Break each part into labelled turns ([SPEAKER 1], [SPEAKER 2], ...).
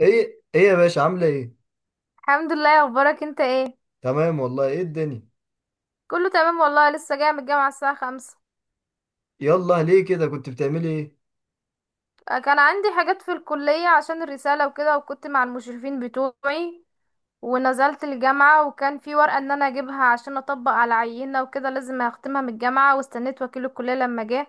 [SPEAKER 1] ايه ايه يا باشا، عامله ايه؟
[SPEAKER 2] الحمد لله. اخبارك انت ايه؟
[SPEAKER 1] تمام والله، ايه الدنيا؟
[SPEAKER 2] كله تمام والله، لسه جايه من الجامعه الساعه خمسة.
[SPEAKER 1] يلا ليه كده، كنت بتعملي ايه؟
[SPEAKER 2] كان عندي حاجات في الكليه عشان الرساله وكده، وكنت مع المشرفين بتوعي، ونزلت الجامعه وكان في ورقه ان انا اجيبها عشان اطبق على عينه وكده، لازم اختمها من الجامعه، واستنيت وكيل الكليه لما جه،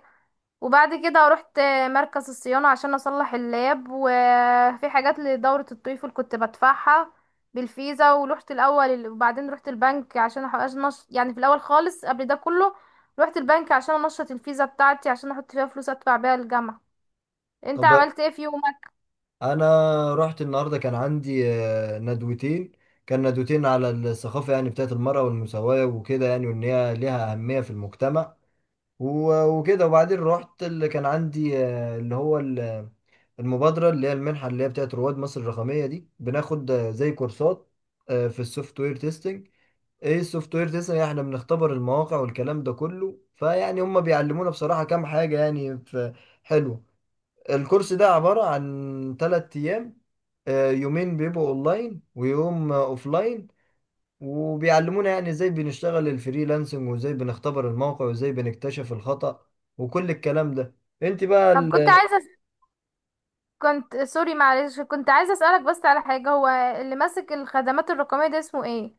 [SPEAKER 2] وبعد كده رحت مركز الصيانة عشان أصلح اللاب، وفي حاجات لدورة الطفل كنت بدفعها بالفيزا، ورحت الأول وبعدين رحت البنك عشان أحقق يعني في الأول خالص قبل ده كله رحت البنك عشان أنشط الفيزا بتاعتي عشان أحط فيها فلوس أدفع بيها الجامعة. أنت
[SPEAKER 1] طب
[SPEAKER 2] عملت إيه في يومك؟
[SPEAKER 1] انا رحت النهارده، كان عندي ندوتين. كان ندوتين على الثقافه، يعني بتاعت المراه والمساواه وكده، يعني وان هي ليها اهميه في المجتمع. وكده وبعدين رحت اللي كان عندي المبادره اللي هي المنحه اللي هي بتاعت رواد مصر الرقميه دي، بناخد زي كورسات في السوفت وير تيستنج. ايه السوفت وير تسعة، احنا بنختبر المواقع والكلام ده كله، فيعني هم بيعلمونا بصراحة كام حاجة يعني، حلوة. الكورس ده عبارة عن تلات ايام، يومين بيبقوا اونلاين ويوم اوفلاين. وبيعلمونا يعني ازاي بنشتغل الفريلانسنج وازاي بنختبر الموقع وازاي بنكتشف الخطأ وكل الكلام ده. انت بقى،
[SPEAKER 2] طب كنت سوري معلش، كنت عايزة أسألك بس على حاجة، هو اللي ماسك الخدمات الرقمية ده اسمه إيه؟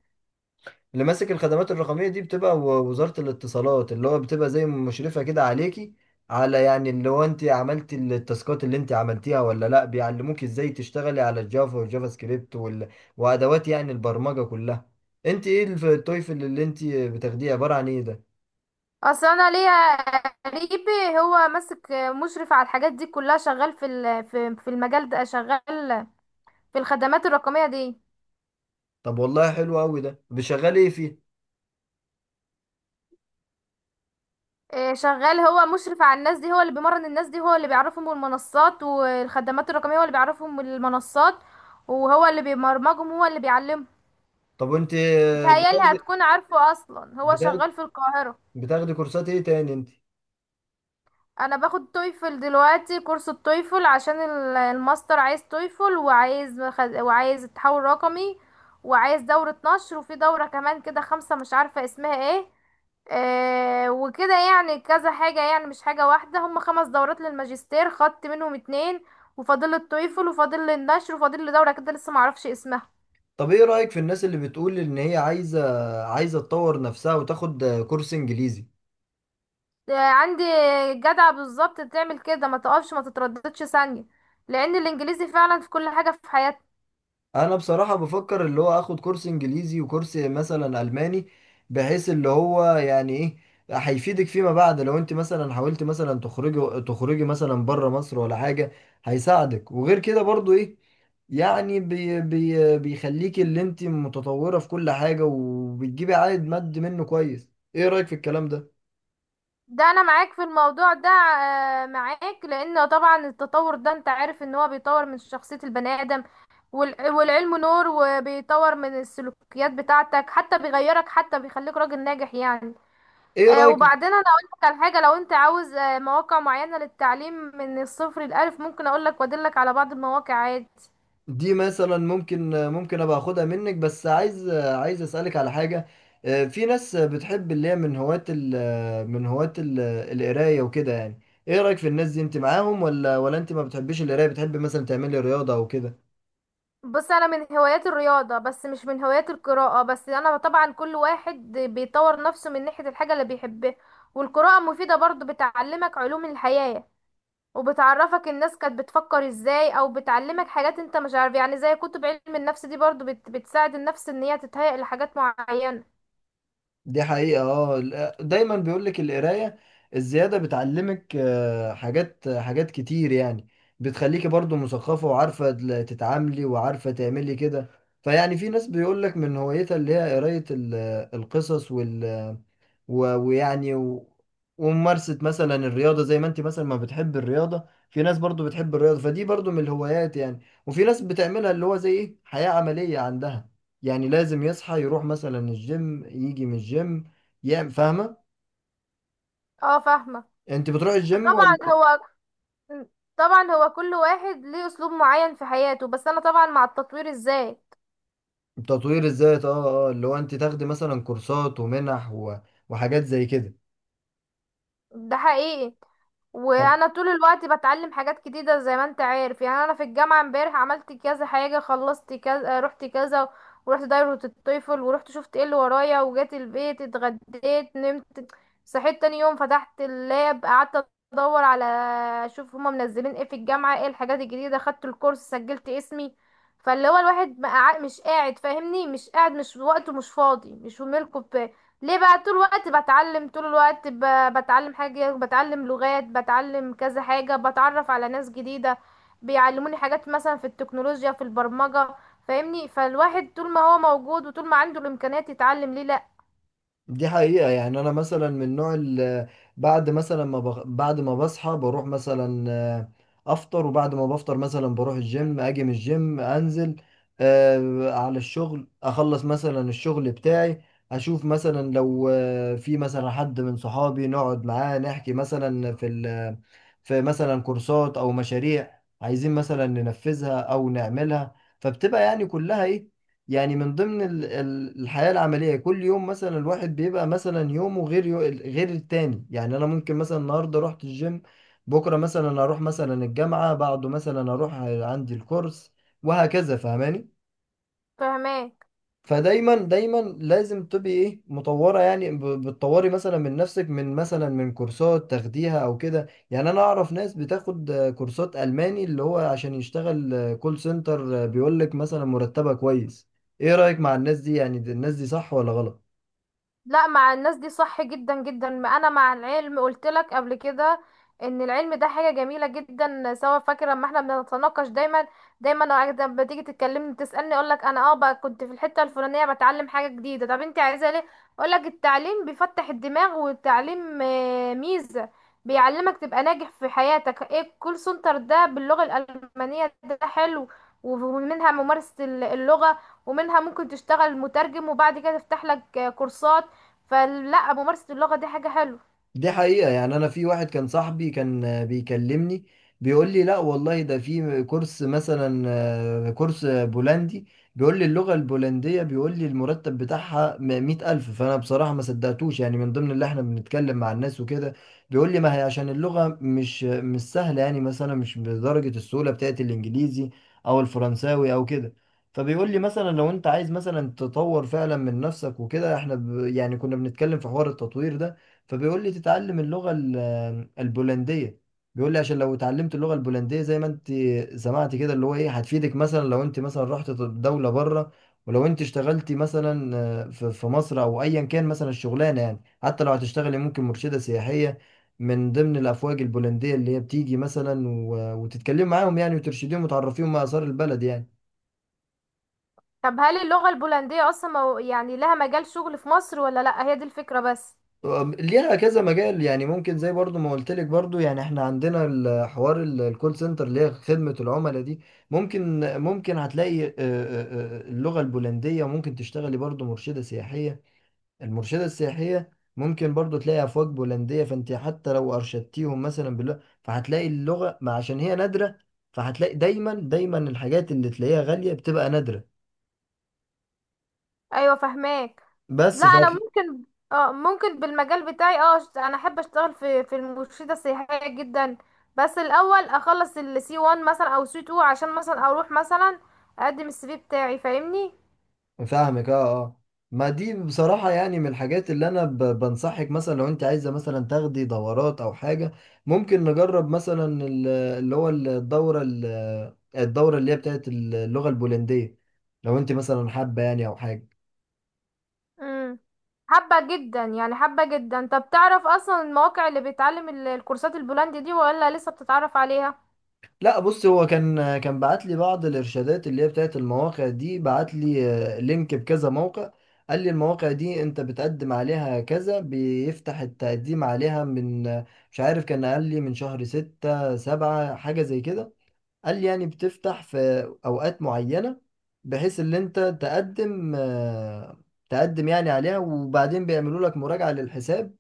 [SPEAKER 1] اللي ماسك الخدمات الرقمية دي بتبقى وزارة الاتصالات، اللي هو بتبقى زي مشرفة كده عليكي. على يعني اللي هو انت عملتي التاسكات اللي انت عملتيها ولا لا، بيعلموك ازاي تشتغلي على الجافا والجافا سكريبت وادوات يعني البرمجة كلها. انت ايه التويفل اللي انت بتاخديه، عبارة عن ايه ده؟
[SPEAKER 2] اصل انا ليا قريبي، هو ماسك مشرف على الحاجات دي كلها، شغال في المجال ده، شغال في الخدمات الرقميه دي.
[SPEAKER 1] طب والله حلو قوي ده، بشغالي ايه فيه؟
[SPEAKER 2] إيه، شغال، هو مشرف على الناس دي، هو اللي بيمرن الناس دي، هو اللي بيعرفهم المنصات والخدمات الرقميه، هو اللي بيعرفهم المنصات، وهو اللي بيبرمجهم، هو اللي بيعلمهم.
[SPEAKER 1] طب انت
[SPEAKER 2] بتهيالي
[SPEAKER 1] بتاخدي
[SPEAKER 2] هتكون عارفه، اصلا هو
[SPEAKER 1] بتاخدي
[SPEAKER 2] شغال في القاهره.
[SPEAKER 1] بتاخدي كورسات ايه تاني انت؟
[SPEAKER 2] انا باخد تويفل دلوقتي، كورس التويفل، عشان الماستر عايز تويفل، وعايز التحول الرقمي، وعايز دورة نشر، وفي دورة كمان كده، خمسة مش عارفة اسمها ايه. آه، وكده يعني كذا حاجة، يعني مش حاجة واحدة، هم خمس دورات للماجستير، خدت منهم اتنين، وفاضل التويفل، وفاضل لي النشر، وفاضل لي دورة كده لسه معرفش اسمها.
[SPEAKER 1] طب ايه رأيك في الناس اللي بتقول ان هي عايزة تطور نفسها وتاخد كورس انجليزي؟
[SPEAKER 2] آه، عندي. جدعة بالظبط، تعمل كده، ما تقفش، ما تترددش ثانية، لان الانجليزي فعلا في كل حاجة في حياتنا.
[SPEAKER 1] انا بصراحة بفكر اللي هو اخد كورس انجليزي وكورس مثلا الماني، بحيث اللي هو يعني ايه، هيفيدك فيما بعد، لو انت مثلا حاولت مثلا تخرجي مثلا بره مصر ولا حاجة، هيساعدك. وغير كده برضو ايه، يعني بي بي بيخليكي اللي انت متطورة في كل حاجة وبتجيبي عائد مادي منه كويس. ايه رأيك في الكلام ده؟
[SPEAKER 2] ده انا معاك في الموضوع ده، معاك، لان طبعا التطور ده انت عارف ان هو بيطور من شخصية البني ادم، والعلم نور، وبيطور من السلوكيات بتاعتك، حتى بيغيرك، حتى بيخليك راجل ناجح يعني.
[SPEAKER 1] ايه رأيك؟
[SPEAKER 2] وبعدين انا اقول لك على حاجة، لو انت عاوز مواقع معينة للتعليم من الصفر للالف، ممكن اقول لك وادلك على بعض المواقع عادي.
[SPEAKER 1] دي مثلا ممكن ابقى اخدها منك، بس عايز اسالك على حاجه. في ناس بتحب اللي هي من هواة القرايه وكده يعني. ايه رايك في الناس دي، انت معاهم ولا انت ما بتحبيش القرايه، بتحب مثلا تعملي رياضه او كده؟
[SPEAKER 2] بص، انا من هوايات الرياضه، بس مش من هوايات القراءه، بس انا طبعا كل واحد بيطور نفسه من ناحيه الحاجه اللي بيحبها، والقراءه مفيده برضو، بتعلمك علوم الحياه، وبتعرفك الناس كانت بتفكر ازاي، او بتعلمك حاجات انت مش عارف، يعني زي كتب علم النفس دي برضو بتساعد النفس ان هي تتهيأ لحاجات معينه.
[SPEAKER 1] دي حقيقة، اه، دايما بيقولك القراية الزيادة بتعلمك حاجات كتير يعني، بتخليكي برضو مثقفة وعارفة تتعاملي وعارفة تعملي كده. فيعني في ناس بيقولك من هوايتها اللي هي قراية القصص، ويعني وممارسة مثلا الرياضة، زي ما انت مثلا ما بتحب الرياضة، في ناس برضو بتحب الرياضة، فدي برضو من الهوايات يعني. وفي ناس بتعملها اللي هو زي ايه، حياة عملية عندها، يعني لازم يصحى يروح مثلا الجيم، يجي من الجيم يعمل، فاهمة.
[SPEAKER 2] اه فاهمه.
[SPEAKER 1] انت بتروح الجيم
[SPEAKER 2] طبعا
[SPEAKER 1] ولا؟
[SPEAKER 2] هو طبعا هو كل واحد ليه اسلوب معين في حياته، بس انا طبعا مع التطوير ازاي.
[SPEAKER 1] تطوير الذات، اه اه، اللي هو انت تاخدي مثلا كورسات ومنح وحاجات زي كده.
[SPEAKER 2] ده حقيقي،
[SPEAKER 1] طب
[SPEAKER 2] وانا طول الوقت بتعلم حاجات جديده، زي ما انت عارف يعني، انا في الجامعه امبارح عملت كذا حاجه، خلصت كذا، رحت كذا، ورحت دايره الطفل، ورحت شفت ايه اللي ورايا، وجيت البيت اتغديت نمت، صحيت تاني يوم فتحت اللاب، قعدت ادور على، اشوف هما منزلين ايه في الجامعه، ايه الحاجات الجديده، خدت الكورس، سجلت اسمي. فاللي هو الواحد بقى مش قاعد فاهمني، مش قاعد، مش وقته، مش فاضي، مش في ملكه، ليه بقى؟ طول الوقت بتعلم، طول الوقت بتعلم حاجة، بتعلم لغات، بتعلم كذا حاجة، بتعرف على ناس جديدة، بيعلموني حاجات مثلا في التكنولوجيا، في البرمجة، فاهمني، فالواحد طول ما هو موجود وطول ما عنده الإمكانيات يتعلم، ليه لأ؟
[SPEAKER 1] دي حقيقة يعني، أنا مثلا من النوع اللي بعد ما بصحى بروح مثلا أفطر، وبعد ما بفطر مثلا بروح الجيم، أجي من الجيم أنزل على الشغل، أخلص مثلا الشغل بتاعي، أشوف مثلا لو في مثلا حد من صحابي، نقعد معاه نحكي مثلا في مثلا كورسات أو مشاريع عايزين مثلا ننفذها أو نعملها. فبتبقى يعني كلها إيه، يعني من ضمن الحياة العملية، كل يوم مثلا الواحد بيبقى مثلا يومه غير غير التاني، يعني أنا ممكن مثلا النهاردة رحت الجيم، بكرة مثلا أروح مثلا الجامعة، بعده مثلا أروح عندي الكورس، وهكذا فاهماني.
[SPEAKER 2] فاهماه.
[SPEAKER 1] فدايما دايما لازم تبقي ايه، مطوره يعني، بتطوري مثلا من نفسك، من مثلا من كورسات تاخديها او كده. يعني انا اعرف ناس بتاخد كورسات الماني، اللي هو عشان يشتغل كول سنتر، بيقول لك مثلا مرتبها كويس. ايه رايك مع الناس دي، يعني الناس دي صح ولا غلط؟
[SPEAKER 2] لا، مع الناس دي صح جدا جدا، ما انا مع العلم قلت لك قبل كده ان العلم ده حاجه جميله جدا، سواء فاكر لما احنا بنتناقش دايما دايما. أنا لما تيجي تتكلمني تسالني، اقول لك انا اه بقى كنت في الحته الفلانيه بتعلم حاجه جديده، طب انت عايزه ليه؟ اقول لك التعليم بيفتح الدماغ، والتعليم ميزه، بيعلمك تبقى ناجح في حياتك. ايه الكول سنتر ده باللغه الالمانيه ده حلو، ومنها ممارسه اللغه، ومنها ممكن تشتغل مترجم، وبعد كده تفتح لك كورسات، فلا ممارسة اللغة دي حاجة حلوة.
[SPEAKER 1] دي حقيقة يعني، أنا في واحد كان صاحبي، كان بيكلمني، بيقول لي لا والله، ده في كورس مثلا كورس بولندي، بيقول لي اللغة البولندية، بيقول لي المرتب بتاعها مئة ألف. فأنا بصراحة ما صدقتوش يعني، من ضمن اللي احنا بنتكلم مع الناس وكده. بيقول لي ما هي عشان اللغة مش سهلة يعني، مثلا مش بدرجة السهولة بتاعت الإنجليزي أو الفرنساوي أو كده. فبيقول لي مثلا لو انت عايز مثلا تطور فعلا من نفسك وكده، احنا يعني كنا بنتكلم في حوار التطوير ده. فبيقول لي تتعلم اللغة البولندية، بيقول لي عشان لو اتعلمت اللغة البولندية، زي ما انت سمعت كده اللي هو ايه، هتفيدك مثلا لو انت مثلا رحت دولة بره، ولو انت اشتغلتي مثلا في مصر، او ايا كان مثلا الشغلانة يعني، حتى لو هتشتغلي ممكن مرشدة سياحية، من ضمن الافواج البولندية اللي هي بتيجي مثلا، وتتكلمي معاهم يعني، وترشديهم وتعرفيهم ما اثار البلد يعني.
[SPEAKER 2] طب هل اللغة البولندية أصلا يعني لها مجال شغل في مصر ولا لأ، هي دي الفكرة بس.
[SPEAKER 1] ليها كذا مجال يعني، ممكن زي برضو ما قلت لك، برضو يعني احنا عندنا الحوار الكول سنتر اللي هي خدمة العملاء دي. ممكن هتلاقي اللغة البولندية، ممكن تشتغلي برضو مرشدة سياحية، المرشدة السياحية ممكن برضو تلاقي أفواج بولندية، فانت حتى لو أرشدتيهم مثلا باللغة، فهتلاقي اللغة، ما عشان هي نادرة، فهتلاقي دايما دايما، الحاجات اللي تلاقيها غالية بتبقى نادرة،
[SPEAKER 2] أيوة فهماك.
[SPEAKER 1] بس.
[SPEAKER 2] لا أنا ممكن، اه ممكن بالمجال بتاعي، أنا أحب أشتغل في المرشدة السياحية جدا، بس الأول أخلص السي 1 مثلا أو سي 2، عشان مثلا أروح مثلا أقدم السي في بتاعي، فاهمني.
[SPEAKER 1] فاهمك، اه اه، ما دي بصراحة يعني من الحاجات اللي أنا بنصحك، مثلا لو أنت عايزة مثلا تاخدي دورات أو حاجة، ممكن نجرب مثلا ال- اللي هو الدورة ال- الدورة اللي هي بتاعت اللغة البولندية، لو أنت مثلا حابة يعني أو حاجة.
[SPEAKER 2] مم. حابة جدا يعني، حابة جدا. طب تعرف أصلا المواقع اللي بيتعلم الكورسات البولندي دي، ولا لسه بتتعرف عليها؟
[SPEAKER 1] لا بص، هو كان بعت لي بعض الارشادات اللي هي بتاعت المواقع دي، بعت لي لينك بكذا موقع. قال لي المواقع دي انت بتقدم عليها كذا، بيفتح التقديم عليها من مش عارف، كان قال لي من شهر ستة سبعة حاجة زي كده. قال لي يعني بتفتح في اوقات معينة، بحيث ان انت تقدم تقدم يعني عليها، وبعدين بيعملوا لك مراجعة للحساب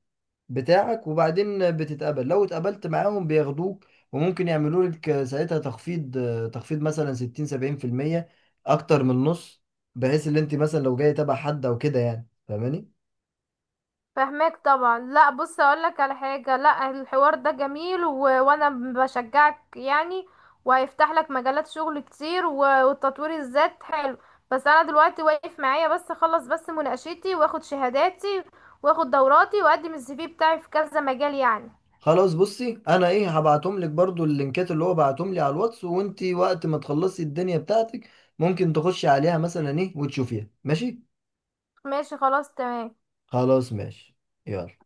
[SPEAKER 1] بتاعك، وبعدين بتتقبل، لو اتقبلت معاهم بياخدوك. وممكن يعملوا لك ساعتها تخفيض، مثلا 60 70%، اكتر من النص، بحيث ان انت مثلا لو جاي تبع حد او كده يعني، فاهماني.
[SPEAKER 2] فهماك طبعا. لا بص اقولك على حاجة، لا الحوار ده جميل وانا بشجعك يعني، وهيفتح لك مجالات شغل كتير، والتطوير الذات حلو، بس انا دلوقتي واقف معايا بس اخلص بس مناقشتي، واخد شهاداتي، واخد دوراتي، واقدم السي في بتاعي في كذا مجال يعني.
[SPEAKER 1] خلاص بصي، انا ايه، هبعتهم لك برضو اللينكات اللي هو بعتهم لي على الواتس، وانت وقت ما تخلصي الدنيا بتاعتك ممكن تخشي عليها مثلا ايه، وتشوفيها ماشي.
[SPEAKER 2] ماشي خلاص تمام.
[SPEAKER 1] خلاص ماشي، يلا.